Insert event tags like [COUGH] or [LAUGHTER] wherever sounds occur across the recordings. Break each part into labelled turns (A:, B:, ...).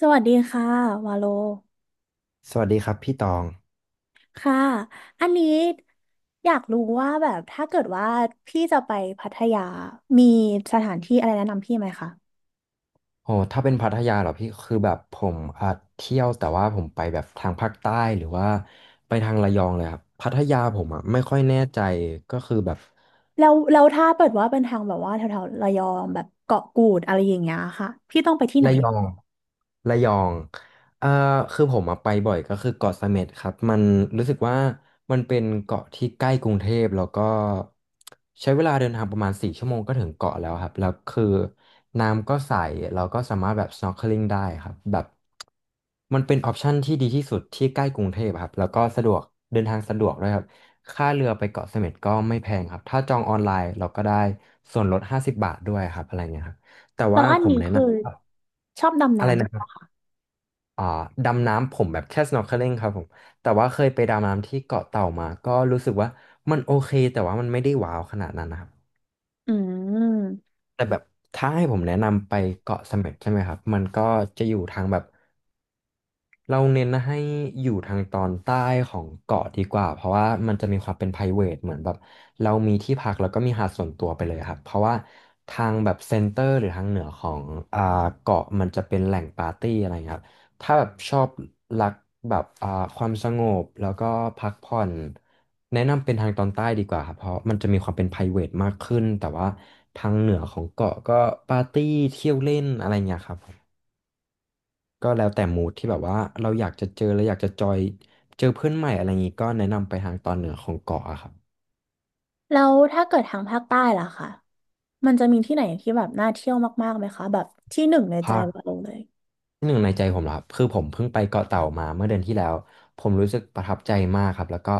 A: สวัสดีค่ะวาโล
B: สวัสดีครับพี่ตอง
A: ค่ะอันนี้อยากรู้ว่าแบบถ้าเกิดว่าพี่จะไปพัทยามีสถานที่อะไรแนะนำพี่ไหมคะ
B: โอ้ถ้าเป็นพัทยาเหรอพี่ คือแบบผมอ่ะเที่ยวแต่ว่าผมไปแบบทางภาคใต้หรือว่าไปทางระยองเลยครับ พัทยาผมอ่ะไม่ค่อยแน่ใจก็คือแบบ
A: แล้วแล้วถ้าเปิดว่าเป็นทางแบบว่าแถวๆระยองแบบเกาะกูดอะไรอย่างเงี้ยค่ะพี่ต้องไปที่ไหน
B: ระยองระยองเอ่อคือผมอะไปบ่อยก็คือเกาะเสม็ดครับมันรู้สึกว่ามันเป็นเกาะที่ใกล้กรุงเทพแล้วก็ใช้เวลาเดินทางประมาณ4 ชั่วโมงก็ถึงเกาะแล้วครับแล้วคือน้ำก็ใสเราก็สามารถแบบ snorkeling ได้ครับแบบมันเป็นออปชันที่ดีที่สุดที่ใกล้กรุงเทพอะครับแล้วก็สะดวกเดินทางสะดวกด้วยครับค่าเรือไปเกาะเสม็ดก็ไม่แพงครับถ้าจองออนไลน์เราก็ได้ส่วนลด50 บาทด้วยครับอะไรเงี้ยครับแต่
A: แล้ว
B: ว่า
A: อัน
B: ผม
A: นี้
B: แนะ
A: คือ
B: นำ
A: ชอบดำ
B: อะไร
A: น้ำด้ว
B: นะ
A: ย
B: ค
A: เห
B: รั
A: รอ
B: บ
A: คะ
B: อ่าดำน้ำผมแบบแค่ snorkeling ครับผม แต่ว่าเคยไปดำน้ำที่เกาะเต่ามาก็รู้สึกว่ามันโอเคแต่ว่ามันไม่ได้ว้าวขนาดนั้นนะครับ
A: อืม
B: แต่แบบถ้าให้ผมแนะนำไปเกาะเสม็ดใช่ไหมครับ มันก็จะอยู่ทางแบบ เราเน้นให้อยู่ทางตอนใต้ของเกาะดีกว่าเพราะว่ามันจะมีความเป็น private เหมือนแบบเรามีที่พักแล้วก็มีหาดส่วนตัวไปเลยครับเพราะว่าทางแบบเซ็นเตอร์หรือทางเหนือของอ่าเกาะมันจะเป็นแหล่งปาร์ตี้อะไราเงี้ยครับถ้าแบบชอบรักแบบความสงบแล้วก็พักผ่อนแนะนำเป็นทางตอนใต้ดีกว่าครับเพราะมันจะมีความเป็น private มากขึ้นแต่ว่าทางเหนือของเกาะก็ปาร์ตี้เที่ยวเล่นอะไรอย่างเงี้ยครับ ก็แล้วแต่มูดที่แบบว่าเราอยากจะเจอเราอยากจะจอยเจอเพื่อนใหม่อะไรอย่างงี้ก็แนะนำไปทางตอนเหนือของเกาะอะครับ
A: แล้วถ้าเกิดทางภาคใต้ล่ะค่ะมันจะมีที่ไหนที่แบบน่าเที่ยวมากๆไหมคะแบบที่หนึ่งในใจ
B: ภาค
A: วาโลเลย
B: ที่หนึ่งในใจผมเหรอครับคือผมเพิ่งไปเกาะเต่ามาเมื่อเดือนที่แล้วผมรู้สึกประทับใจมากครับแล้วก็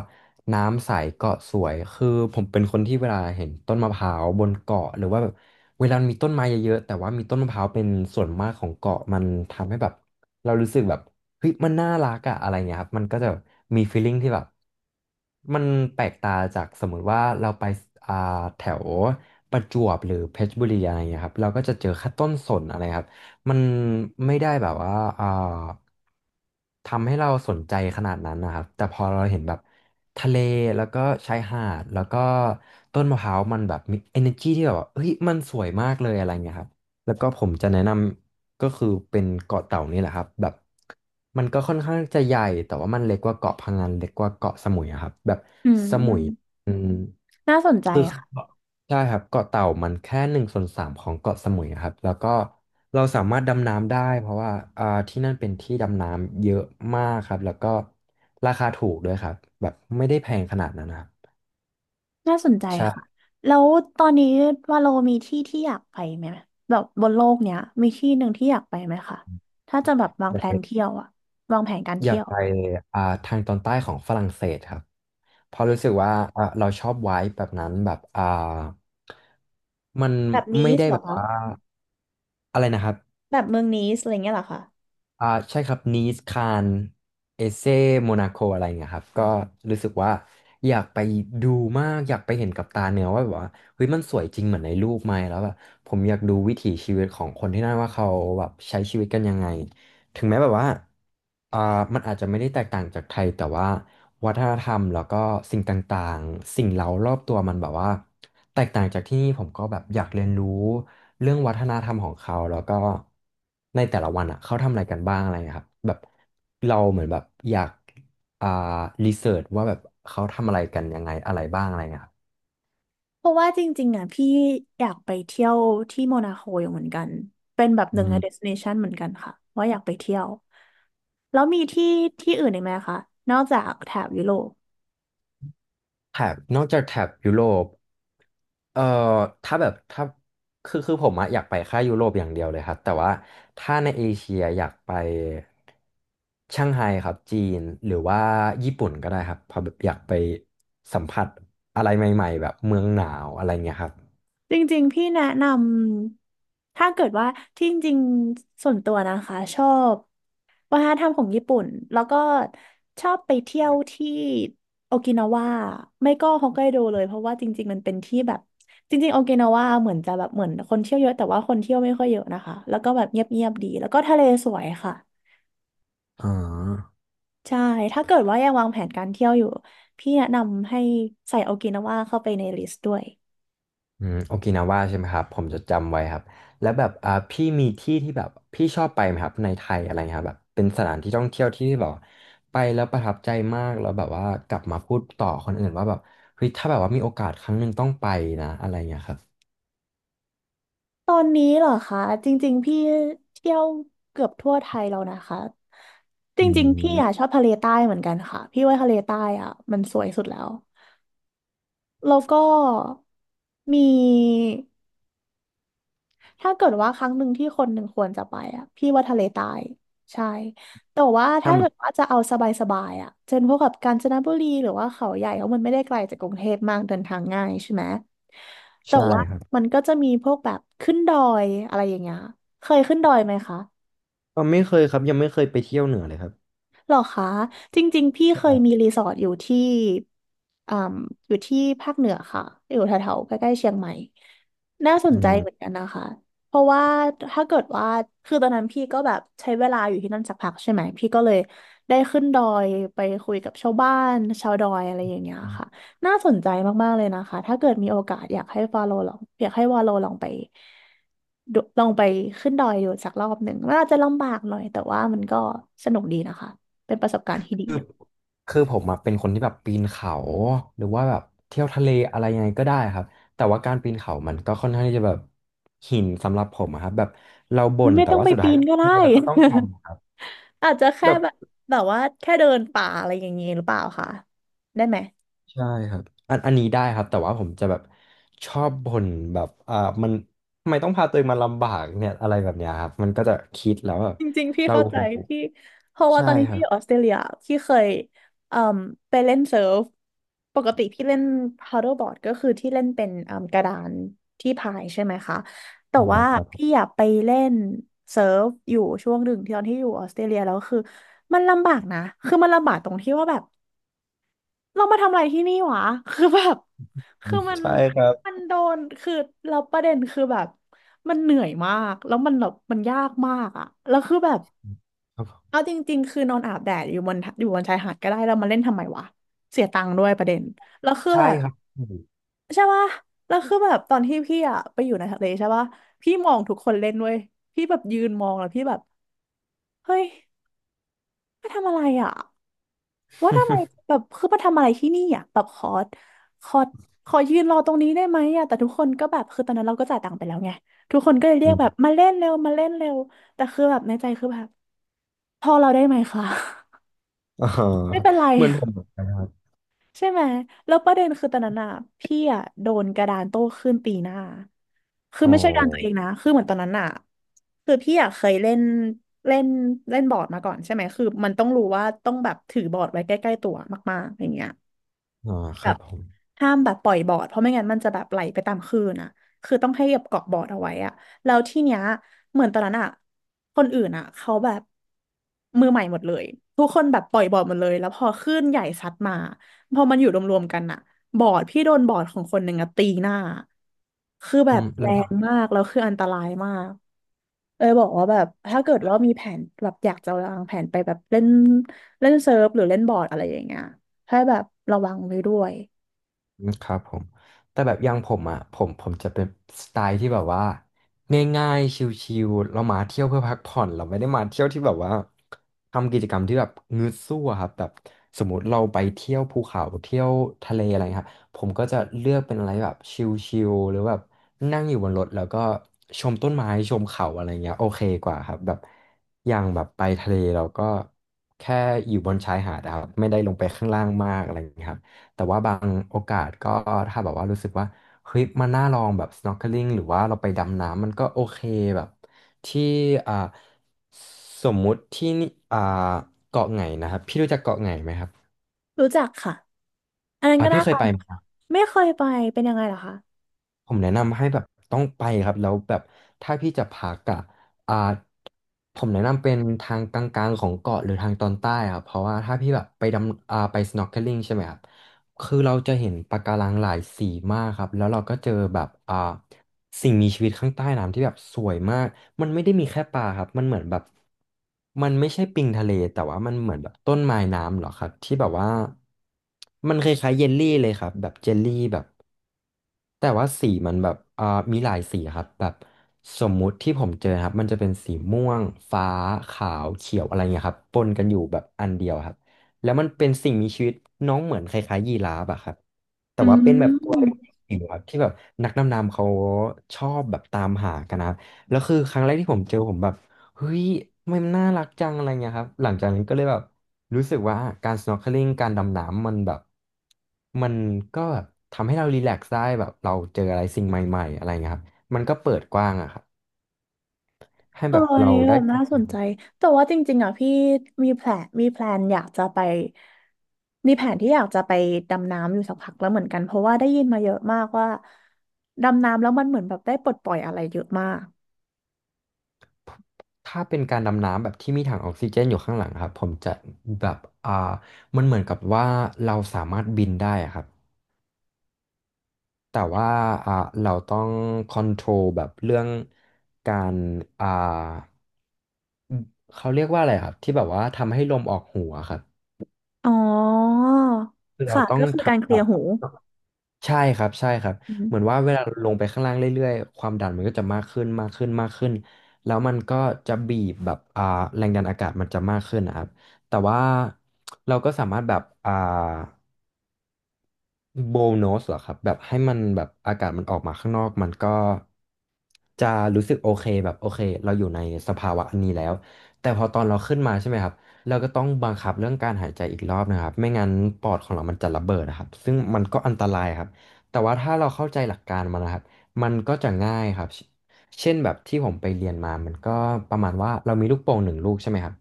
B: น้ำใสเกาะสวยคือผมเป็นคนที่เวลาเห็นต้นมะพร้าวบนเกาะหรือว่าแบบเวลามีต้นไม้เยอะๆแต่ว่ามีต้นมะพร้าวเป็นส่วนมากของเกาะมันทำให้แบบเรารู้สึกแบบเฮ้ยมันน่ารักอะอะไรเงี้ยครับมันก็จะมีฟีลลิ่งที่แบบมันแปลกตาจากสมมุติว่าเราไปอ่าแถวประจวบหรือเพชรบุรีอะไรเงี้ยครับเราก็จะเจอแค่ต้นสนอะไรครับ มันไม่ได้แบบว่าอ่าทำให้เราสนใจขนาดนั้นนะครับแต่พอเราเห็นแบบทะเลแล้วก็ชายหาดแล้วก็ต้นมะพร้าวมันแบบมี energy ที่แบบว่าเฮ้ยมันสวยมากเลยอะไรเงี้ยครับแล้วก็ผมจะแนะนำก็คือเป็นเกาะเต่านี่แหละครับแบบมันก็ค่อนข้างจะใหญ่แต่ว่ามันเล็กกว่าเกาะพะงันเล็กกว่าเกาะสมุยอะครับแบบ
A: อื
B: สมุย
A: ม
B: อืม
A: น่าสนใจ
B: คือ
A: ค่ะ
B: เกาะใช่ครับเกาะเต่ามันแค่1/3ของเกาะสมุยครับแล้วก็เราสามารถดำน้ำได้เพราะว่าที่นั่นเป็นที่ดำน้ำเยอะมากครับแล้วก็ราคาถูกด้วยครับแบบไม่ได้แพงขนาดนั้นนะครับ
A: น่าสนใจค่ะ
B: ใช่
A: แล้วตอนนี้วาโลมีที่ที่อยากไปไหมแบบบนโลกเนี้ยมีที่หนึ่งที่อยากไปไหมคะถ้าจะแบบวาง
B: อ
A: แผ
B: ยากไป
A: นเที่ยวอะวางแผนการ
B: อยา
A: เที่
B: ก
A: ยว
B: ไปทางตอนใต้ของฝรั่งเศสครับเพราะรู้สึกว่าเราชอบไว้แบบนั้นแบบมัน
A: แบบนี
B: ไม่
A: ส
B: ได้
A: เหร
B: แบ
A: อ
B: บ
A: คะ
B: ว่าอะไรนะครับ
A: แบบเมืองนีสอะไรเงี้ยเหรอคะ
B: อ่าใช่ครับนีสคานเอเซโมนาโคอะไรเงี้ยครับก็รู้สึกว่าอยากไปดูมากอยากไปเห็นกับตาเนื้อว่าแบบว่าเฮ้ยมันสวยจริงเหมือนในรูปไหมแล้วแบบผมอยากดูวิถีชีวิตของคนที่นั่นว่าเขาแบบใช้ชีวิตกันยังไงถึงแม้แบบว่าอ่ามันอาจจะไม่ได้แตกต่างจากไทยแต่ว่าวัฒนธรรมแล้วก็สิ่งต่างๆสิ่งเร้ารอบตัวมันแบบว่าแตกต่างจากที่นี่ผมก็แบบอยากเรียนรู้ เรื่องวัฒนธรรมของเขาแล้วก็ในแต่ละวันอ่ะเขาทำอะไรกันบ้างอะไรเงี้ยครับแบบเราเหมือนแบบอยากอ่ารีเสิร์ชว่าแบบเขาทำอะไรกันยังไงอะไรบ้างอะไรเงี้ยครับ
A: เพราะว่าจริงๆอะพี่อยากไปเที่ยวที่โมนาโคอยู่เหมือนกัน เป็นแบบห
B: อื
A: นึ่งใน
B: ม
A: เดสติเนชันเหมือนกันค่ะว่าอยากไปเที่ยวแล้วมีที่ที่อื่นอีกไหมคะ นอกจากแถบยุโรป
B: แถบนอกจากแถบยุโรปเอ่อถ้าแบบถ้าคือผมอะอยากไปแค่ยุโรปอย่างเดียวเลยครับแต่ว่าถ้าในเอเชียอยากไปช่างไฮครับจีนหรือว่าญี่ปุ่นก็ได้ครับเพอแบบอยากไปสัมผัสอะไรใหม่ๆแบบเมืองหนาวอะไรเงี้ยครับ
A: จริงๆพี่แนะนำถ้าเกิดว่าที่จริงๆส่วนตัวนะคะชอบวัฒนธรรมของญี่ปุ่นแล้วก็ชอบไปเที่ยวที่โอกินาวาไม่ก็ฮอกไกโดเลยเพราะว่าจริงๆมันเป็นที่แบบจริงๆโอกินาวาเหมือนจะแบบเหมือนคนเที่ยวเยอะแต่ว่าคนเที่ยวไม่ค่อยเยอะนะคะแล้วก็แบบเงียบๆดีแล้วก็ทะเลสวยค่ะ
B: อ๋อ
A: ใช่ถ้าเกิดว่ายังวางแผนการเที่ยวอยู่พี่แนะนำให้ใส่โอกินาวาเข้าไปในลิสต์ด้วย
B: โอกินาว่าใช่ไหมครับผมจะจำไว้ครับแล้วแบบพี่มีที่ที่แบบพี่ชอบไปไหมครับในไทยอะไรเงี้ยครับแบบเป็นสถานที่ท่องเที่ยวที่แบบไปแล้วประทับใจมากแล้วแบบว่ากลับมาพูดต่อคนอื่นว่าแบบเฮ้ยถ้าแบบว่ามีโอกาสครั้งหนึ่งต้องไปนะอะไรเงี้ยครับ
A: ตอนนี้เหรอคะจริงๆพี่เที่ยวเกือบทั่วไทยแล้วนะคะจ
B: อื
A: ริงๆพี่อ่ะช
B: ม
A: อบทะเลใต้เหมือนกันค่ะพี่ว่าทะเลใต้อ่ะมันสวยสุดแล้วแล้วก็มี ถ้าเกิดว่าครั้งหนึ่งที่คนหนึ่งควรจะไปอ่ะพี่ว่าทะเลใต้ใช่แต่ว่า
B: ทา
A: ถ้า
B: งแบ
A: เกิ
B: บ
A: ดว่าจะเอาสบายๆอ่ะเช่นพวกกับกาญจนบุรีหรือว่าเขาใหญ่เพราะมันไม่ได้ไกลจากกรุงเทพมากเดินทางง่ายใช่ไหมแต่
B: ใช่
A: ว่า
B: ครับ
A: มันก็จะมีพวกแบบขึ้นดอยอะไรอย่างเงี้ยเคยขึ้นดอยไหมคะ
B: ก็ไม่เคยครับยังไม่เคยไปเที่ยวเหนือเลยครับ
A: หรอคะจริงๆพี่เคยมี
B: ใช่
A: รีสอร์ทอยู่ที่อ่มอยู่ที่ภาคเหนือค่ะอยู่แถวๆใกล้ๆเชียงใหม่น่าส
B: อื
A: นใจ
B: ม
A: เหมือนกันนะคะเพราะว่าถ้าเกิดว่าคือตอนนั้นพี่ก็แบบใช้เวลาอยู่ที่นั่นสักพักใช่ไหมพี่ก็เลยได้ขึ้นดอยไปคุยกับชาวบ้านชาวดอยอะไรอย่างเงี้ยค่ะน่าสนใจมากๆเลยนะคะถ้าเกิดมีโอกาสอยากให้ฟาโลลองอยากให้วาโลลองไปดูลองไปขึ้นดอยดูสักรอบหนึ่งมันอาจจะลำบากหน่อยแต่ว่ามันก็สนุกดีนะคะ เป็นประสบการณ์ที่ดี
B: คือผมอะเป็นคนที่แบบปีนเขาหรือว่าแบบเที่ยวทะเลอะไรยังไงก็ได้ครับแต่ว่าการปีนเขามันก็ค่อนข้างที่จะแบบหินสำหรับผมอะครับแบบเราบ่
A: ไม่
B: น
A: ไม่
B: แต่
A: ต้อง
B: ว่า
A: ไป
B: สุดท้า
A: ปี
B: ยค
A: น
B: รับ
A: ก็ได้ [LAUGHS] อาจจะแค่
B: แบบ
A: แบบแบบว่าแค่เดินป่าอะไรอย่างเงี้ยหรือเปล่าคะได้ไหม
B: ใช่ครับอันอันนี้ได้ครับแต่ว่าผมจะแบบชอบบ่นแบบมันทำไมต้องพาตัวเองมาลำบากเนี่ยอะไรแบบเนี้ยครับมันก็จะคิดแล้วแบบ
A: จริงๆพี่
B: เรา
A: เข้าใจพี่เพราะว่า
B: ใช่
A: ตอนนี้
B: ค
A: พี่
B: รั
A: อ
B: บ
A: ยู่ออสเตรเลียพี่เคยเอ่มไปเล่นเซิร์ฟปกติพี่เล่น paddleboard ก็คือที่เล่นเป็นเอ่มกระดานที่พายใช่ไหมคะแต่
B: อ่
A: ว่า
B: ครับผม
A: พี่อยากไปเล่นเซิร์ฟอยู่ช่วงหนึ่งที่ตอนที่อยู่ออสเตรเลียแล้วคือมันลำบากนะคือมันลำบากตรงที่ว่าแบบ เรามาทำอะไรที่นี่วะคือแบบคือมัน
B: ใช่ครับ
A: มันโดนคือเราประเด็นคือแบบมันเหนื่อยมากแล้วมันแบบมันยากมากอะแล้วคือแบบ
B: ครับผ
A: เอา
B: ม
A: จริงๆคือนอนอาบแดดอยู่บนอยู่บนชายหาดก็ได้แล้วมาเล่นทำไมวะเสียตังค์ด้วยประเด็นแล้วคือ
B: ใช่
A: แบบ
B: ครับอื
A: ใช่ปะแล้วคือแบบตอนที่พี่อะไปอยู่ในทะเลใช่ปะพี่มองทุกคนเล่นด้วยพี่แบบยืนมองแล้วพี่แบบเฮ้ยมาทำอะไรอะ ว่าทำไมแบบคือมาทำอะไรที่นี่อ่ะแบบขอขอยืนรอตรงนี้ได้ไหมอ่ะแต่ทุกคนก็แบบคือตอนนั้นเราก็จ่ายตังค์ไปแล้วไงทุกคนก็เลยเรีย
B: ม
A: กแบบมาเล่นเร็วมาเล่นเร็วแต่คือแบบในใจคือแบบพอเราได้ไหมคะ
B: [LAUGHS] อ๋อ
A: [LAUGHS] ไม่เป็นไร
B: เหมือนผมเหมือนกันครับ
A: ใช่ไหมแล้วประเด็นคือตอนนั้นอ่ะพี่อ่ะโดนกระดานโต้คลื่นตีหน้าคือ
B: อ๋อ
A: ไม่ใช่การตัวเองนะคือเหมือนตอนนั้นอ่ะคือพี่อ่ะเคยเล่นเล่นเล่นบอร์ดมาก่อนใช่ไหมคือมันต้องรู้ว่าต้องแบบถือบอร์ดไว้ใกล้ๆตัวมากๆอย่างเงี้ย
B: อ๋อค
A: แบ
B: รั
A: บ
B: บผม
A: ห้ามแบบปล่อยบอร์ดเพราะไม่งั้นมันจะแบบไหลไปตามคลื่นอ่ะคือต้องให้แบบเกาะบอร์ดเอาไว้อ่ะแล้วที่เนี้ยเหมือนตอนนั้นอ่ะคนอื่นอ่ะเขาแบบมือใหม่หมดเลยทุกคนแบบปล่อยบอร์ดหมดเลยแล้วพอคลื่นใหญ่ซัดมาพอมันอยู่รวมๆกันอ่ะบอร์ดพี่โดนบอร์ดของคนหนึ่งอ่ะตีหน้าคือ
B: ผ
A: แบบ
B: ม
A: แร
B: แล้ว
A: งมากแล้วคืออันตรายมากเออบอกว่าแบบถ้าเกิดว่ามีแผนแบบอยากจะวางแผนไปแบบเล่นเล่นเซิร์ฟหรือเล่นบอร์ดอะไรอย่างเงี้ยให้แบบระวังไว้ด้วย
B: อืมครับผมแต่แบบอย่างผมอ่ะผมจะเป็นสไตล์ที่แบบว่าง่ายๆชิลๆเรามาเที่ยวเพื่อพักผ่อนเราไม่ได้มาเที่ยวที่แบบว่าทำกิจกรรมที่แบบงึดสู้อะครับแบบสมมติเราไปเที่ยวภูเขาเที่ยวทะเลอะไรครับผมก็จะเลือกเป็นอะไรแบบชิลๆหรือแบบนั่งอยู่บนรถแล้วก็ชมต้นไม้ชมเขาอะไรเงี้ยโอเคกว่าครับแบบอย่างแบบไปทะเลเราก็แค่อยู่บนชายหาดอะครับไม่ได้ลงไปข้างล่างมากอะไรเงี้ยครับ แต่ว่าบางโอกาสก็ถ้าแบบว่ารู้สึกว่าเฮ้ยมันน่าลองแบบ snorkeling หรือว่าเราไปดำน้ำมันก็โอเคแบบที่อ่าสมมุติที่นี่เกาะไหนนะครับพี่รู้จักเกาะไหนไหมครับ
A: รู้จักค่ะ อันนั้นก็
B: พี่
A: น่า
B: เค
A: ไป
B: ยไป
A: นะ
B: ไหม
A: ไม่เคยไปเป็นยังไงเหรอคะ
B: ผมแนะนำให้แบบต้องไปครับแล้วแบบถ้าพี่จะพักอ่ะอ่าผมแนะนำเป็นทางกลางๆของเกาะหรือทางตอนใต้ครับเพราะว่าถ้าพี่แบบไปดำไป snorkeling ใช่ไหมครับคือเราจะเห็นปะการังหลายสีมากครับแล้วเราก็เจอแบบสิ่งมีชีวิตข้างใต้น้ำที่แบบสวยมากมันไม่ได้มีแค่ปลาครับมันเหมือนแบบมันไม่ใช่ปิงทะเลแต่ว่ามันเหมือนแบบต้นไม้น้ำเหรอครับที่แบบว่ามันคล้ายๆเยลลี่เลยครับแบบเจลลี่แบบ แต่ว่าสีมันแบบมีหลายสีครับแบบสมมุติที่ผมเจอครับมันจะเป็นสีม่วงฟ้าขาวเขียวอะไรเงี้ยครับปนกันอยู่แบบอันเดียวครับแล้วมันเป็นสิ่งมีชีวิตน้องเหมือนคล้ายๆยีราฟอะครับแต่
A: อื
B: ว่าเป็นแบบตัวเล็ก
A: ม
B: จิ๋วครับที่แบบนักดำน้ำเขาชอบแบบตามหากันนะครับแล้วคือครั้งแรกที่ผมเจอผมแบบ เฮ้ยมันน่ารักจังอะไรเงี้ยครับหลังจากนั้นก็เลยแบบรู้สึกว่าการ snorkeling การดำน้ำมันแบบมันก็แบบทำให้เรารีแลกซ์ได้แบบเราเจออะไรสิ่งใหม่ๆอะไรเงี้ยครับมันก็เปิดกว้างอะครับให้
A: เอ
B: แบ
A: อ
B: บ
A: อัน
B: เรา
A: นี้แบ
B: ได้
A: บน่าสนใจแต่ว่าจริงๆอ่ะพี่มีแผนมีแพลนอยากจะไปมีแผนที่อยากจะไปดำน้ำอยู่สักพักแล้วเหมือนกัน เพราะว่าได้ยินมาเยอะมากว่า ดำน้ำแล้วมันเหมือนแบบได้ปลดปล่อยอะไรเยอะมาก
B: ถ้าเป็นการดำน้ำแบบที่มีถังออกซิเจนอยู่ข้างหลังครับผมจะแบบอ่ามันเหมือนกับว่าเราสามารถบินได้อะครับ แต่ว่าอ่าเราต้องคอนโทรลแบบเรื่องการอ่าเขาเรียกว่าอะไรครับที่แบบว่าทำให้ลมออกหูอะครับ
A: อ๋อ
B: คือเรา
A: ค่ะ
B: ต้อง
A: ก็คือการเค
B: ทำแบ
A: ลียร์
B: บ
A: หู
B: ใช่ครับใช่ครับ
A: อืม
B: เหมือนว่าเวลาลงไปข้างล่างเรื่อยๆความดันมันก็จะมากขึ้นมากขึ้นมากขึ้นแล้วมันก็จะบีบแบบแรงดันอากาศมันจะมากขึ้นนะครับแต่ว่าเราก็สามารถแบบโบน s สเหรอครับแบบให้มันแบบอากาศมันออกมาข้างนอกมันก็จะรู้สึกโอเคแบบโอเคเราอยู่ในสภาวะอันนี้แล้วแต่พอตอนเราขึ้นมาใช่ไหมครับเราก็ต้องบังคับเรื่องการหายใจอีกรอบนะครับไม่งั้นปอดของเรามันจะระเบิดนะครับซึ่งมันก็อันตรายครับแต่ว่าถ้าเราเข้าใจหลักการมันนะครับมันก็จะง่ายครับเช่นแบบที่ผมไปเรียนมามันก็ประมาณว่าเรามีลูกโป่ง1 ลูกใช่ไหมครับ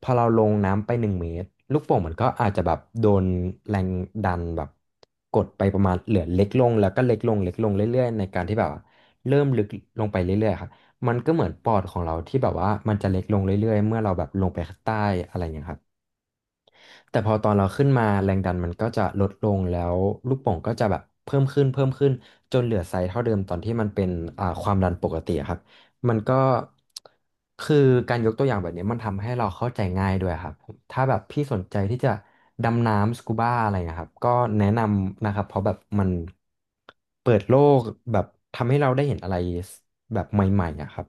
B: พอเราลงน้ำไป1 เมตรลูกโป่งมันก็อาจจะแบบโดนแรงดันแบบกดไปประมาณเหลือเล็กลงแล้วก็เล็กลงเล็กลงเรื่อยๆในการที่แบบว่าเริ่มลึกลงไปเรื่อยๆครับมันก็เหมือนปอดของเราที่แบบว่ามันจะเล็กลงเรื่อยๆเมื่อเราแบบลงไปข้างใต้อะไรอย่างเงี้ยครับ แต่พอตอนเราขึ้นมาแรงดันมันก็จะลดลงแล้วลูกโป่งก็จะแบบเพิ่มขึ้นเพิ่มขึ้นจนเหลือไซส์เท่าเดิมตอนที่มันเป็นความดันปกติอะครับมันก็คือการยกตัวอย่างแบบนี้มันทำให้เราเข้าใจง่ายด้วยครับถ้าแบบพี่สนใจที่จะดำน้ำสกูบ้าอะไรนะครับก็แนะนำนะครับเพราะแบบมันเปิดโลกแบบทำให้เราได้เห็นอะไรแบบใหม่ๆอะครับ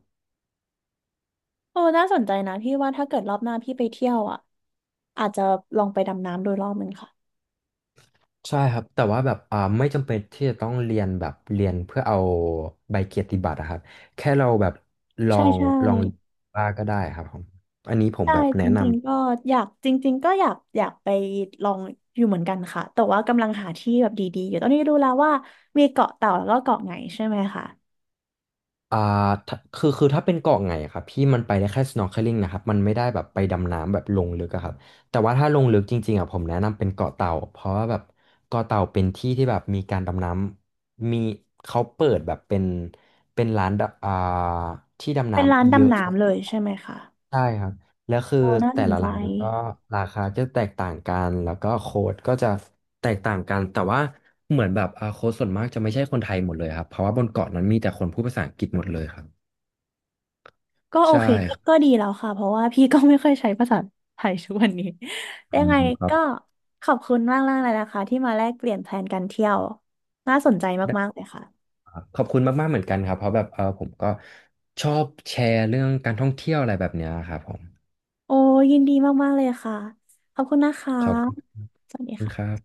A: เออน่าสนใจนะพี่ว่าถ้าเกิดรอบหน้าพี่ไปเที่ยวอ่ะอาจจะลองไปดำน้ำโดยรอบหนึ่งค่ะ
B: ใช่ครับแต่ว่าแบบไม่จำเป็นที่จะต้องเรียนแบบเรียนเพื่อเอาใบเกียรติบัตรอะครับแค่เราแบบลอ
A: ใช่
B: ง
A: ใช่
B: ลองบ้างก็ได้ครับผมอันนี้ผม
A: ใช่
B: แบบ
A: จ
B: แนะนำ
A: ริงๆก็อยากจริงๆก็อยากอยากไปลองอยู่เหมือนกันค่ะแต่ว่ากำลังหาที่แบบดีๆอยู่ตอนนี้รู้แล้วว่ามีเกาะเต่าแล้วก็เกาะไหนใช่ไหมคะ
B: อ่าถ้าคือถ้าเป็นเกาะไงอะครับพี่มันไปได้แค่ snorkeling นะครับมันไม่ได้แบบไปดำน้ำแบบลงลึกอะครับแต่ว่าถ้าลงลึกจริงๆอะผมแนะนำเป็นเกาะเต่าเพราะว่าแบบเกาะเต่าเป็นที่ที่แบบมีการดำน้ำมีเขาเปิดแบบเป็นร้านดำที่ดำ
A: เป็นร้าน
B: น้ำเยอะ
A: ดำน้ำเลยใช่ไหมคะ
B: ใช่ครับแล้วคือ
A: โอ้น่าส
B: แต่
A: น
B: ละ
A: ใจ
B: ร้านก็ราคาจะแตกต่างกันแล้วก็โค้ดก็จะแตกต่างกันแต่ว่าเหมือนแบบโค้ดส่วนมากจะไม่ใช่คนไทยหมดเลยครับเพราะว่าบนเกาะนั้นมีแต่คนพูดภาษาอังกฤษหมดเลยครับ
A: ก็โอ
B: ใช่
A: เคก็
B: ครั
A: ก็
B: บ
A: ดีแล้วค่ะเพราะว่าพี่ก็ไม่ค่อยใช้ภาษาไทยทุกวันนี้ [LAUGHS] ยั
B: อื
A: ง
B: ม
A: ไง
B: ครับ
A: ก็ขอบคุณมากๆเลยนะคะที่มาแลกเปลี่ยนแพลนการเที่ยวน่าสนใจ
B: ได้
A: มากๆเลยค่ะ
B: ครับขอบคุณมากๆเหมือนกันครับเพราะแบบผมก็ชอบแชร์เรื่องการท่องเที่ยวอะไรแบบเนี้ยครับผม
A: โอ้ยินดีมากๆเลยค่ะขอบคุณนะคะ
B: ขอบค
A: สวัสดี
B: ุณค
A: ค่ะ
B: รับ